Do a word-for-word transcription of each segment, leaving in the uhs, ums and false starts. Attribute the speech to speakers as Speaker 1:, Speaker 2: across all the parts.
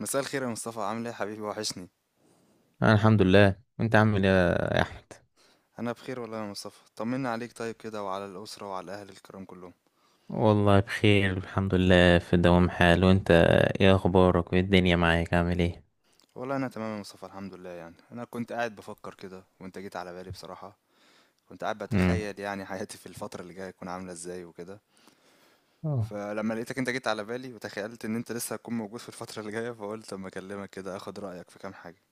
Speaker 1: مساء الخير يا مصطفى، عامل ايه يا حبيبي؟ وحشني.
Speaker 2: انا الحمد لله. وانت عامل ايه يا احمد؟
Speaker 1: انا بخير والله يا مصطفى، طمنا عليك طيب كده وعلى الاسره وعلى الاهل الكرام كلهم.
Speaker 2: والله بخير الحمد لله، في دوام حال. وانت ايه اخبارك؟ وايه الدنيا معاك عامل ايه؟
Speaker 1: والله انا تمام يا مصطفى، الحمد لله. يعني انا كنت قاعد بفكر كده وانت جيت على بالي بصراحه. كنت قاعد
Speaker 2: امم.
Speaker 1: بتخيل يعني حياتي في الفتره اللي جايه تكون عامله ازاي وكده.
Speaker 2: أوه.
Speaker 1: فلما لقيتك انت جيت على بالي، وتخيلت ان انت لسه هتكون موجود في الفتره اللي جايه، فقلت اما اكلمك كده اخد رايك في كام حاجه.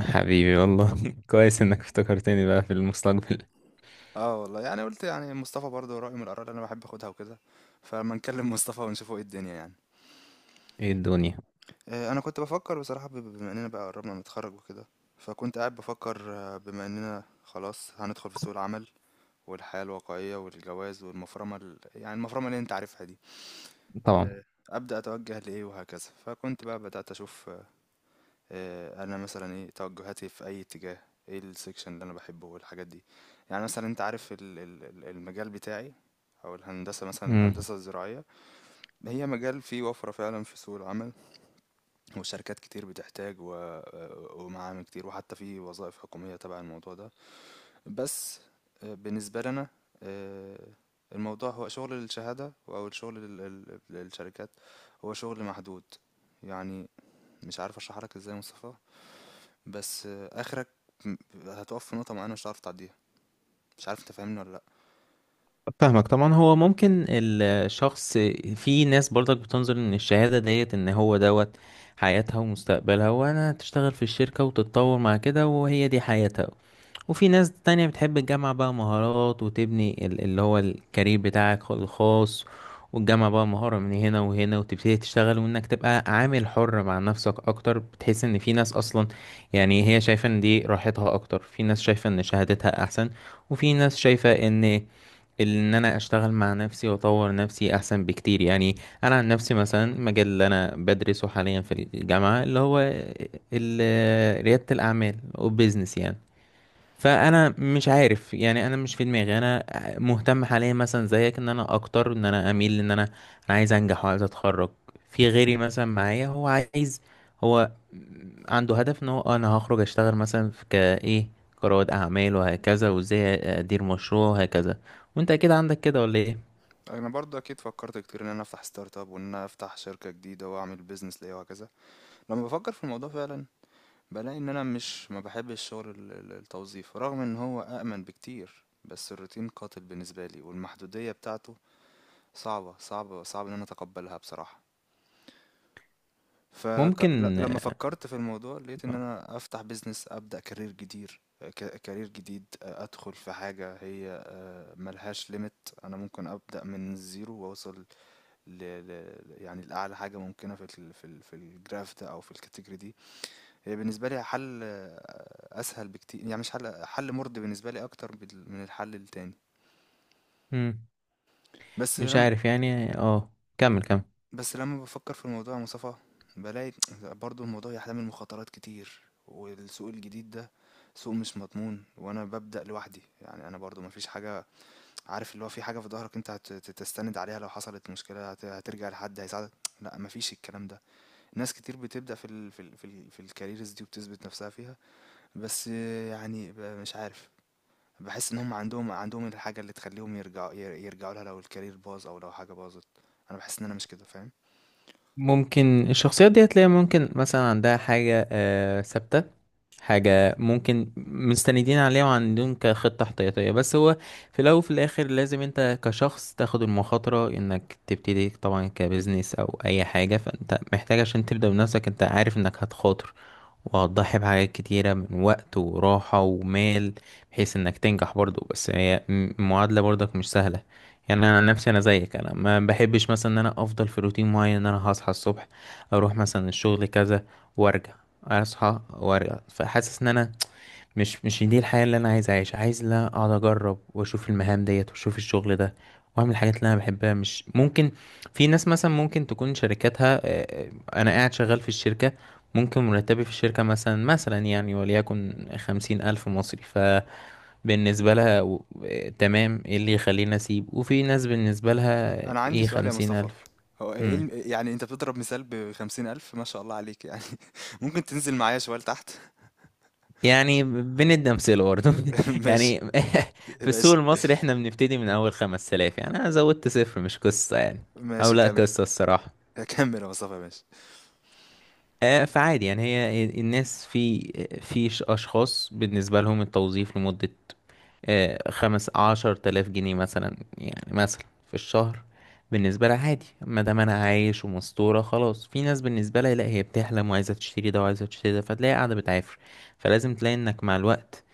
Speaker 2: حبيبي والله كويس انك افتكرتني بقى في المستقبل.
Speaker 1: اه والله، يعني قلت يعني مصطفى برضه رايه من الاراء اللي انا بحب اخدها وكده، فلما نكلم مصطفى ونشوفه ايه الدنيا يعني.
Speaker 2: ايه الدنيا؟
Speaker 1: آه، انا كنت بفكر بصراحه، ب- بما اننا بقى قربنا نتخرج وكده. فكنت قاعد بفكر، آه، بما اننا خلاص هندخل في سوق العمل والحياه الواقعيه والجواز والمفرمه ال... يعني المفرمه اللي انت عارفها دي.
Speaker 2: طبعا.
Speaker 1: آه، ابدا اتوجه لايه وهكذا. فكنت بقى بدات اشوف، آه، آه، انا مثلا ايه توجهاتي في اي اتجاه، ايه السكشن اللي انا بحبه والحاجات دي. يعني مثلا انت عارف ال- ال- ال- المجال بتاعي، او الهندسه مثلا،
Speaker 2: امم
Speaker 1: الهندسه الزراعيه. هي مجال فيه وفره فعلا في سوق العمل، وشركات كتير بتحتاج و... ومعامل كتير، وحتى في وظائف حكومية تبع الموضوع ده. بس آه، بالنسبة لنا، آه، الموضوع هو شغل الشهادة أو الشغل لل- لل- للشركات، هو شغل محدود. يعني مش عارف أشرح لك إزاي يا مصطفى، بس آه، آخرك م- هتقف في نقطة معينة مش هتعرف تعديها. مش عارف أنت فاهمني ولا لأ؟
Speaker 2: فاهمك طبعا. هو ممكن الشخص، في ناس برضك بتنظر ان الشهادة ديت ان هو دوت حياتها ومستقبلها، وانا تشتغل في الشركة وتتطور مع كده وهي دي حياتها. وفي ناس تانية بتحب تجمع بقى مهارات وتبني ال- اللي هو الكارير بتاعك الخاص، وتجمع بقى مهارة من هنا وهنا وتبتدي تشتغل، وانك تبقى عامل حر مع نفسك اكتر. بتحس ان في ناس اصلا يعني هي شايفة ان دي راحتها اكتر، في ناس شايفة ان شهادتها احسن، وفي ناس شايفة ان ان انا اشتغل مع نفسي واطور نفسي احسن بكتير يعني. انا عن نفسي مثلا المجال اللي انا بدرسه حاليا في الجامعة اللي هو ال- ريادة الاعمال وبزنس يعني. فانا مش عارف يعني، انا مش في دماغي. انا مهتم حاليا مثلا زيك، ان انا اكتر، ان انا اميل، ان انا، انا عايز انجح وعايز اتخرج. في غيري مثلا معايا هو عايز، هو عنده هدف ان هو آه انا هخرج اشتغل مثلا في كايه كرواد اعمال وهكذا، وازاي ادير مشروع وهكذا. وانت اكيد عندك كده ولا ايه؟
Speaker 1: أنا برضه أكيد فكرت كتير إن أنا أفتح ستارت أب، وإن أنا أفتح شركة جديدة وأعمل بيزنس ليا وهكذا. لما بفكر في الموضوع فعلا بلاقي ان انا مش ما بحبش شغل ال- ال- التوظيف، رغم ان هو أأمن بكتير، بس الروتين قاتل بالنسبة لي والمحدودية بتاعته صعبة صعبة، صعب ان انا اتقبلها بصراحة.
Speaker 2: ممكن.
Speaker 1: فلما فكرت في الموضوع لقيت ان انا افتح بيزنس، ابدأ كارير جديد، ك- كارير جديد. آه، ادخل في حاجة هي آه، ملهاش ليميت، انا ممكن ابدأ من الزيرو واوصل ل... ل... يعني لأعلى حاجة ممكنة في ال... في ال... في الجراف ده، او في الكاتيجوري دي. هي بالنسبة لي حل آه، أسهل بكتير، يعني مش حل، حل مرضي بالنسبة لي أكتر بال- من الحل التاني.
Speaker 2: مم.
Speaker 1: بس
Speaker 2: مش
Speaker 1: لما
Speaker 2: عارف يعني اه. كمل، كمل.
Speaker 1: بس لما بفكر في الموضوع يا مصطفى، بلاقي برضو الموضوع يحتمل مخاطرات كتير، والسوق الجديد ده سوق مش مضمون، وأنا ببدأ لوحدي. يعني أنا برضو مفيش حاجة، عارف اللي هو في حاجة في ظهرك أنت هت- تستند عليها لو حصلت مشكلة هت- هترجع لحد هيساعدك. لا، مفيش الكلام ده. ناس كتير بتبدأ في ال في ال في, ال في الكاريرز دي وبتثبت نفسها فيها. بس آه، يعني ب- مش عارف، بحس ان هم عندهم عندهم الحاجه اللي تخليهم يرجعوا، ير- يرجعوا لها لو الكارير باظ او لو حاجه باظت. انا بحس ان انا مش كده، فاهم؟
Speaker 2: ممكن الشخصيات دي هتلاقي ممكن مثلا عندها حاجة آه، ثابتة، حاجة ممكن مستندين عليها وعندهم كخطة احتياطية. بس هو في الأول وفي الآخر، لازم أنت كشخص تاخد المخاطرة إنك تبتدي طبعا كبزنس أو أي حاجة، فأنت محتاج عشان تبدأ بنفسك. أنت عارف إنك هتخاطر، وهتضحي بحاجات كتيرة من وقت وراحة ومال بحيث إنك تنجح برضو. بس هي م- المعادلة برضك مش سهلة. يعني أنا عن نفسي، أنا زيك، أنا ما بحبش مثلا إن أنا أفضل في روتين معين، إن أنا هصحى الصبح أروح مثلا الشغل كذا وارجع، اصحى وارجع. فحاسس ان انا مش مش دي الحياه اللي انا عايز اعيشها، عايز لا اقعد اجرب واشوف المهام ديت واشوف الشغل ده واعمل الحاجات اللي انا بحبها. مش ممكن. في ناس مثلا ممكن تكون شركاتها آه، آه، انا قاعد شغال في الشركه. ممكن مرتبي في الشركه مثلا، مثلا يعني وليكن خمسين الف مصري. فبالنسبه لها و- آه، تمام، ايه اللي يخليني اسيب؟ وفي ناس بالنسبه لها آه،
Speaker 1: انا عندي
Speaker 2: ايه
Speaker 1: سؤال يا
Speaker 2: خمسين
Speaker 1: مصطفى،
Speaker 2: الف
Speaker 1: هو ايه الم... يعني انت بتضرب مثال بخمسين الف، ما شاء الله عليك يعني ممكن تنزل معايا شويه لتحت؟
Speaker 2: يعني بندي أمثلة برضه
Speaker 1: ماشي.
Speaker 2: يعني في السوق
Speaker 1: ماشي،
Speaker 2: المصري احنا بنبتدي من أول خمس آلاف، يعني أنا زودت صفر مش قصة يعني. أو
Speaker 1: ماشي،
Speaker 2: لا
Speaker 1: كمل.
Speaker 2: قصة الصراحة.
Speaker 1: كمل يا مصطفى، ماشي.
Speaker 2: آه، فعادي يعني. هي الناس في، في ش- أشخاص بالنسبة لهم التوظيف لمدة آه، خمس عشر تلاف جنيه مثلا، يعني مثلا في الشهر. بالنسبة لها عادي ما دام أنا عايش ومستورة خلاص. في ناس بالنسبة لها لا، هي بتحلم وعايزة تشتري ده وعايزة تشتري ده، فتلاقي قاعدة بتعافر. فلازم تلاقي إنك مع الوقت،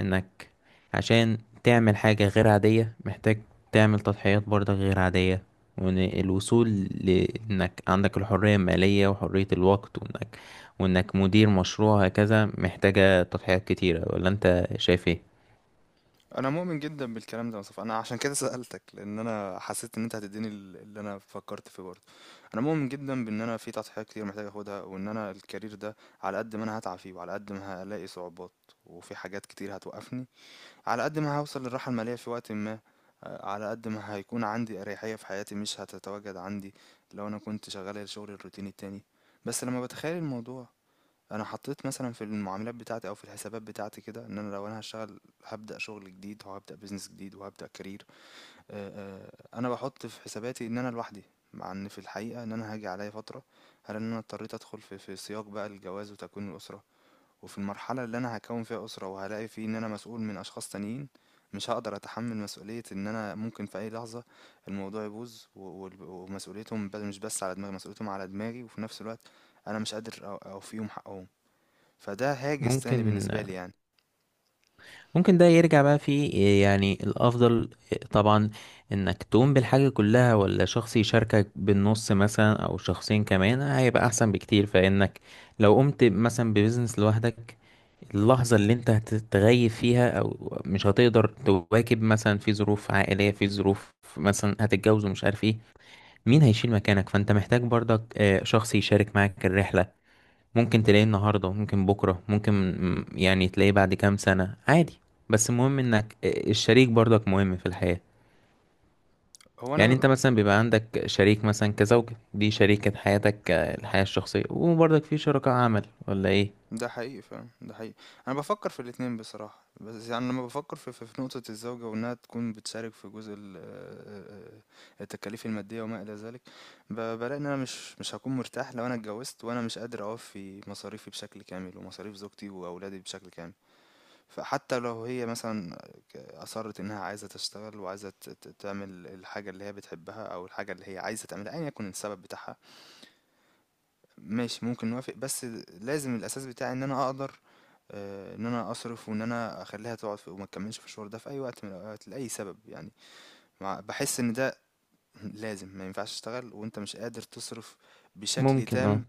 Speaker 2: انك عشان تعمل حاجة غير عادية، محتاج تعمل تضحيات برضك غير عادية. وإن الوصول لإنك عندك الحرية المالية وحرية الوقت، وإنك وإنك مدير مشروع هكذا، محتاجة تضحيات كتيرة. ولا أنت شايف إيه؟
Speaker 1: انا مؤمن جدا بالكلام ده يا مصطفى، انا عشان كده سألتك، لان انا حسيت ان انت هتديني ال- اللي انا فكرت فيه برضه. انا مؤمن جدا بان انا في تضحيات كتير محتاج اخدها، وان انا الكارير ده على قد ما انا هتعب فيه وعلى قد ما هلاقي صعوبات وفي حاجات كتير هتوقفني، على قد ما هوصل للراحة المالية في وقت ما. آه، على قد ما هيكون عندي اريحية في حياتي مش هتتواجد عندي لو انا كنت شغال الشغل الروتيني التاني. بس لما بتخيل الموضوع، انا حطيت مثلا في المعاملات بتاعتي او في الحسابات بتاعتي كده ان انا، لو انا هشتغل هبدأ شغل جديد وهبدأ بيزنس جديد وهبدأ كارير، آآ، آآ، أنا باحُط في حساباتي إن أنا لوحدي، مع إن في الحقيقة إن أنا هاجي عليَّ فترة هالاقي إن أنا اضطريت أدخل في في سياق بقى الجواز وتكوين الأسرة، وفي المرحلة اللي أنا هاكوّن فيها أسرة وهالاقي في إن أنا مسؤول من أشخاص تانيين، مش هاقدر أتحمّل مسؤولية إن أنا ممكن في أي لحظة الموضوع يبوظ و والب ومسؤوليتهم ب مش بس على دماغي، مسؤوليتهم على دماغي، وفي نفس الوقت أنا مش قادر أ أوفيهم حقهم، فده هاجس تاني
Speaker 2: ممكن.
Speaker 1: بالنسبة لي يعني.
Speaker 2: ممكن ده يرجع بقى في، يعني الأفضل طبعا إنك تقوم بالحاجة كلها ولا شخص يشاركك بالنص مثلا، أو شخصين كمان هيبقى أحسن بكتير. فإنك لو قمت مثلا ببزنس لوحدك، اللحظة اللي انت هتتغيب فيها او مش هتقدر تواكب مثلا في ظروف عائلية، في ظروف مثلا هتتجوز ومش عارف ايه، مين هيشيل مكانك؟ فانت محتاج برضك آه، شخص يشارك معاك الرحلة. ممكن تلاقيه النهاردة، ممكن بكرة، ممكن م- يعني تلاقيه بعد كام سنة عادي. بس المهم انك آه، الشريك برضك مهم في الحياة.
Speaker 1: هو
Speaker 2: يعني
Speaker 1: أنا،
Speaker 2: انت مثلا بيبقى عندك شريك مثلا كزوجة، دي شريكة حياتك آه، الحياة الشخصية، وبرضك في شركاء عمل ولا ايه؟
Speaker 1: ده حقيقي فعلًا، ده حقيقي. أنا بافكّر في الاتنين بصراحة، بس يعني لمّا بافكّر في في في نقطة الزوجة وإنها تكون بتشارك في جزء ال آآ التكاليف المادية وما إلى ذلك، ب بالاقي إن أنا مش مش هاكون مرتاح لو أنا اتجوّزت وأنا مش قادر أوفّي مصاريفي بشكل كامل ومصاريف زوجتي وأولادي بشكل كامل. فحتى لو هي مثلًا ك أصرّت إنها عايزة تشتغل وعايزة ت ت تعمل الحاجة اللي هي بتحبها أو الحاجة اللي هي عايزة تعملها أيًا يكن السبب بتاعها، ماشي، ممكن نوافق. بس لازم الأساس بتاعي إن أنا أقدر، آه، إن أنا أصرف وإن أنا أخليها تقعد في- وما تكملش في الشغل ده في أي وقت من الأوقات لأي سبب يعني. مع- بحس إن ده لازم، ما ينفعش تشتغل وأنت مش قادر تصرف بشكل
Speaker 2: ممكن.
Speaker 1: تام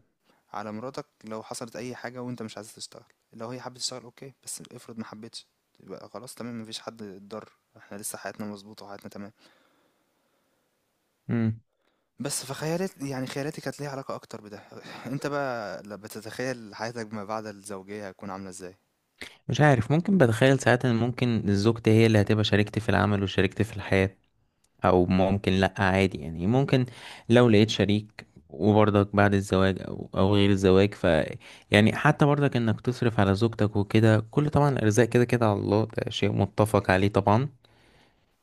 Speaker 1: على مراتك. لو حصلت أي حاجة وأنت مش عايز تشتغل، لو هي حابة تشتغل أوكي، بس افرض ما حبتش، يبقى خلاص تمام، مفيش حد اتضر، احنا لسه حياتنا مظبوطة وحياتنا تمام.
Speaker 2: اه.
Speaker 1: بس فخيالات، يعني خيالاتي كانت ليها علاقة أكتر بده. أنت بقى لما بتتخيل حياتك ما بعد الزوجية هتكون عاملة إزاي؟
Speaker 2: مش عارف. ممكن بتخيل ساعات ان ممكن زوجتي هي اللي هتبقى شريكتي في العمل وشريكتي في الحياة، او ممكن لا عادي يعني. ممكن لو لقيت شريك وبرضك بعد الزواج او او غير الزواج ف، يعني حتى برضك انك تصرف على زوجتك وكده، كل طبعا الارزاق كده كده على الله، ده شيء متفق عليه طبعا.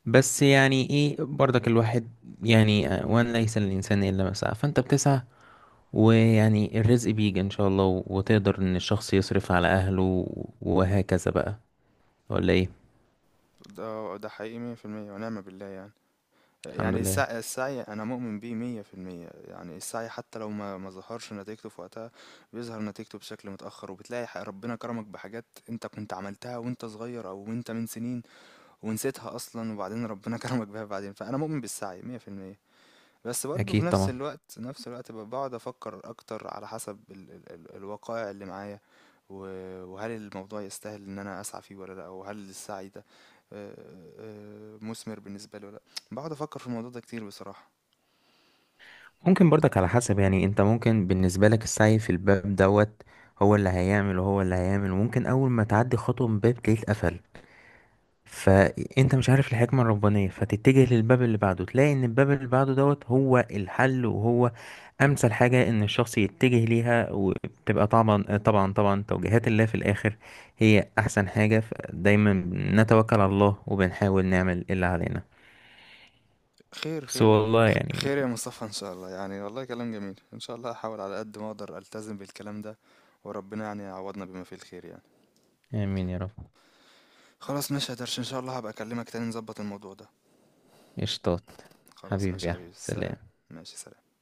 Speaker 2: بس يعني ايه برضك الواحد، يعني آه، وان ليس للانسان الا ما سعى، فانت بتسعى، ويعني الرزق بيجي ان شاء الله، وتقدر ان الشخص يصرف على اهله وهكذا بقى. ولا ايه؟
Speaker 1: ده ده حقيقي مية في المية ونعم بالله يعني.
Speaker 2: الحمد
Speaker 1: يعني
Speaker 2: لله.
Speaker 1: السعي، السعي أنا مؤمن بيه مية في المية، يعني السعي حتى لو ما ما ظهرش نتيجته في وقتها بيظهر نتيجته بشكل متأخر، وبتلاقي ح- ربنا كرمك بحاجات أنت كنت عملتها وأنت صغير أو وأنت من سنين ونسيتها أصلا، وبعدين ربنا كرمك بيها بعدين. فأنا مؤمن بالسعي مية في المية. بس برضه في
Speaker 2: اكيد
Speaker 1: نفس
Speaker 2: طبعا.
Speaker 1: الوقت، نفس الوقت ب- بقعد افكر اكتر على حسب ال ال ال الوقائع اللي معايا، و- وهل الموضوع يستاهل ان انا اسعى فيه ولا لا، وهل السعي ده آه، آه، مثمر بالنسبه لي ولا لا. بقعد افكر في الموضوع ده كتير بصراحه.
Speaker 2: ممكن برضك على حسب، يعني انت ممكن بالنسبه لك السعي في الباب دوت هو اللي هيعمل وهو اللي هيعمل. وممكن اول ما تعدي خطوه من باب تلاقيه اتقفل، فانت مش عارف الحكمه الربانيه، فتتجه للباب اللي بعده تلاقي ان الباب اللي بعده دوت هو الحل، وهو امثل حاجه ان الشخص يتجه ليها. وبتبقى طبعا طبعا طبعا توجيهات الله في الاخر هي احسن حاجه. فدايما نتوكل على الله وبنحاول نعمل اللي علينا.
Speaker 1: خير
Speaker 2: بس
Speaker 1: خير يا-
Speaker 2: والله
Speaker 1: خ- خير يا
Speaker 2: يعني.
Speaker 1: مصطفى ان شاء الله، يعني والله كلام جميل، ان شاء الله هحاول على قد ما اقدر التزم بالكلام ده، وربنا يعني يعوضنا بما فيه الخير يعني.
Speaker 2: امين يا رب.
Speaker 1: خلاص ماشي يا درش، ان شاء الله هبقى اكلمك تاني نظبط الموضوع ده.
Speaker 2: قشطات.
Speaker 1: خلاص
Speaker 2: حبيبي
Speaker 1: ماشي
Speaker 2: يا
Speaker 1: يا حبيبي،
Speaker 2: أحمد،
Speaker 1: سلام.
Speaker 2: سلام.
Speaker 1: ماشي سلام.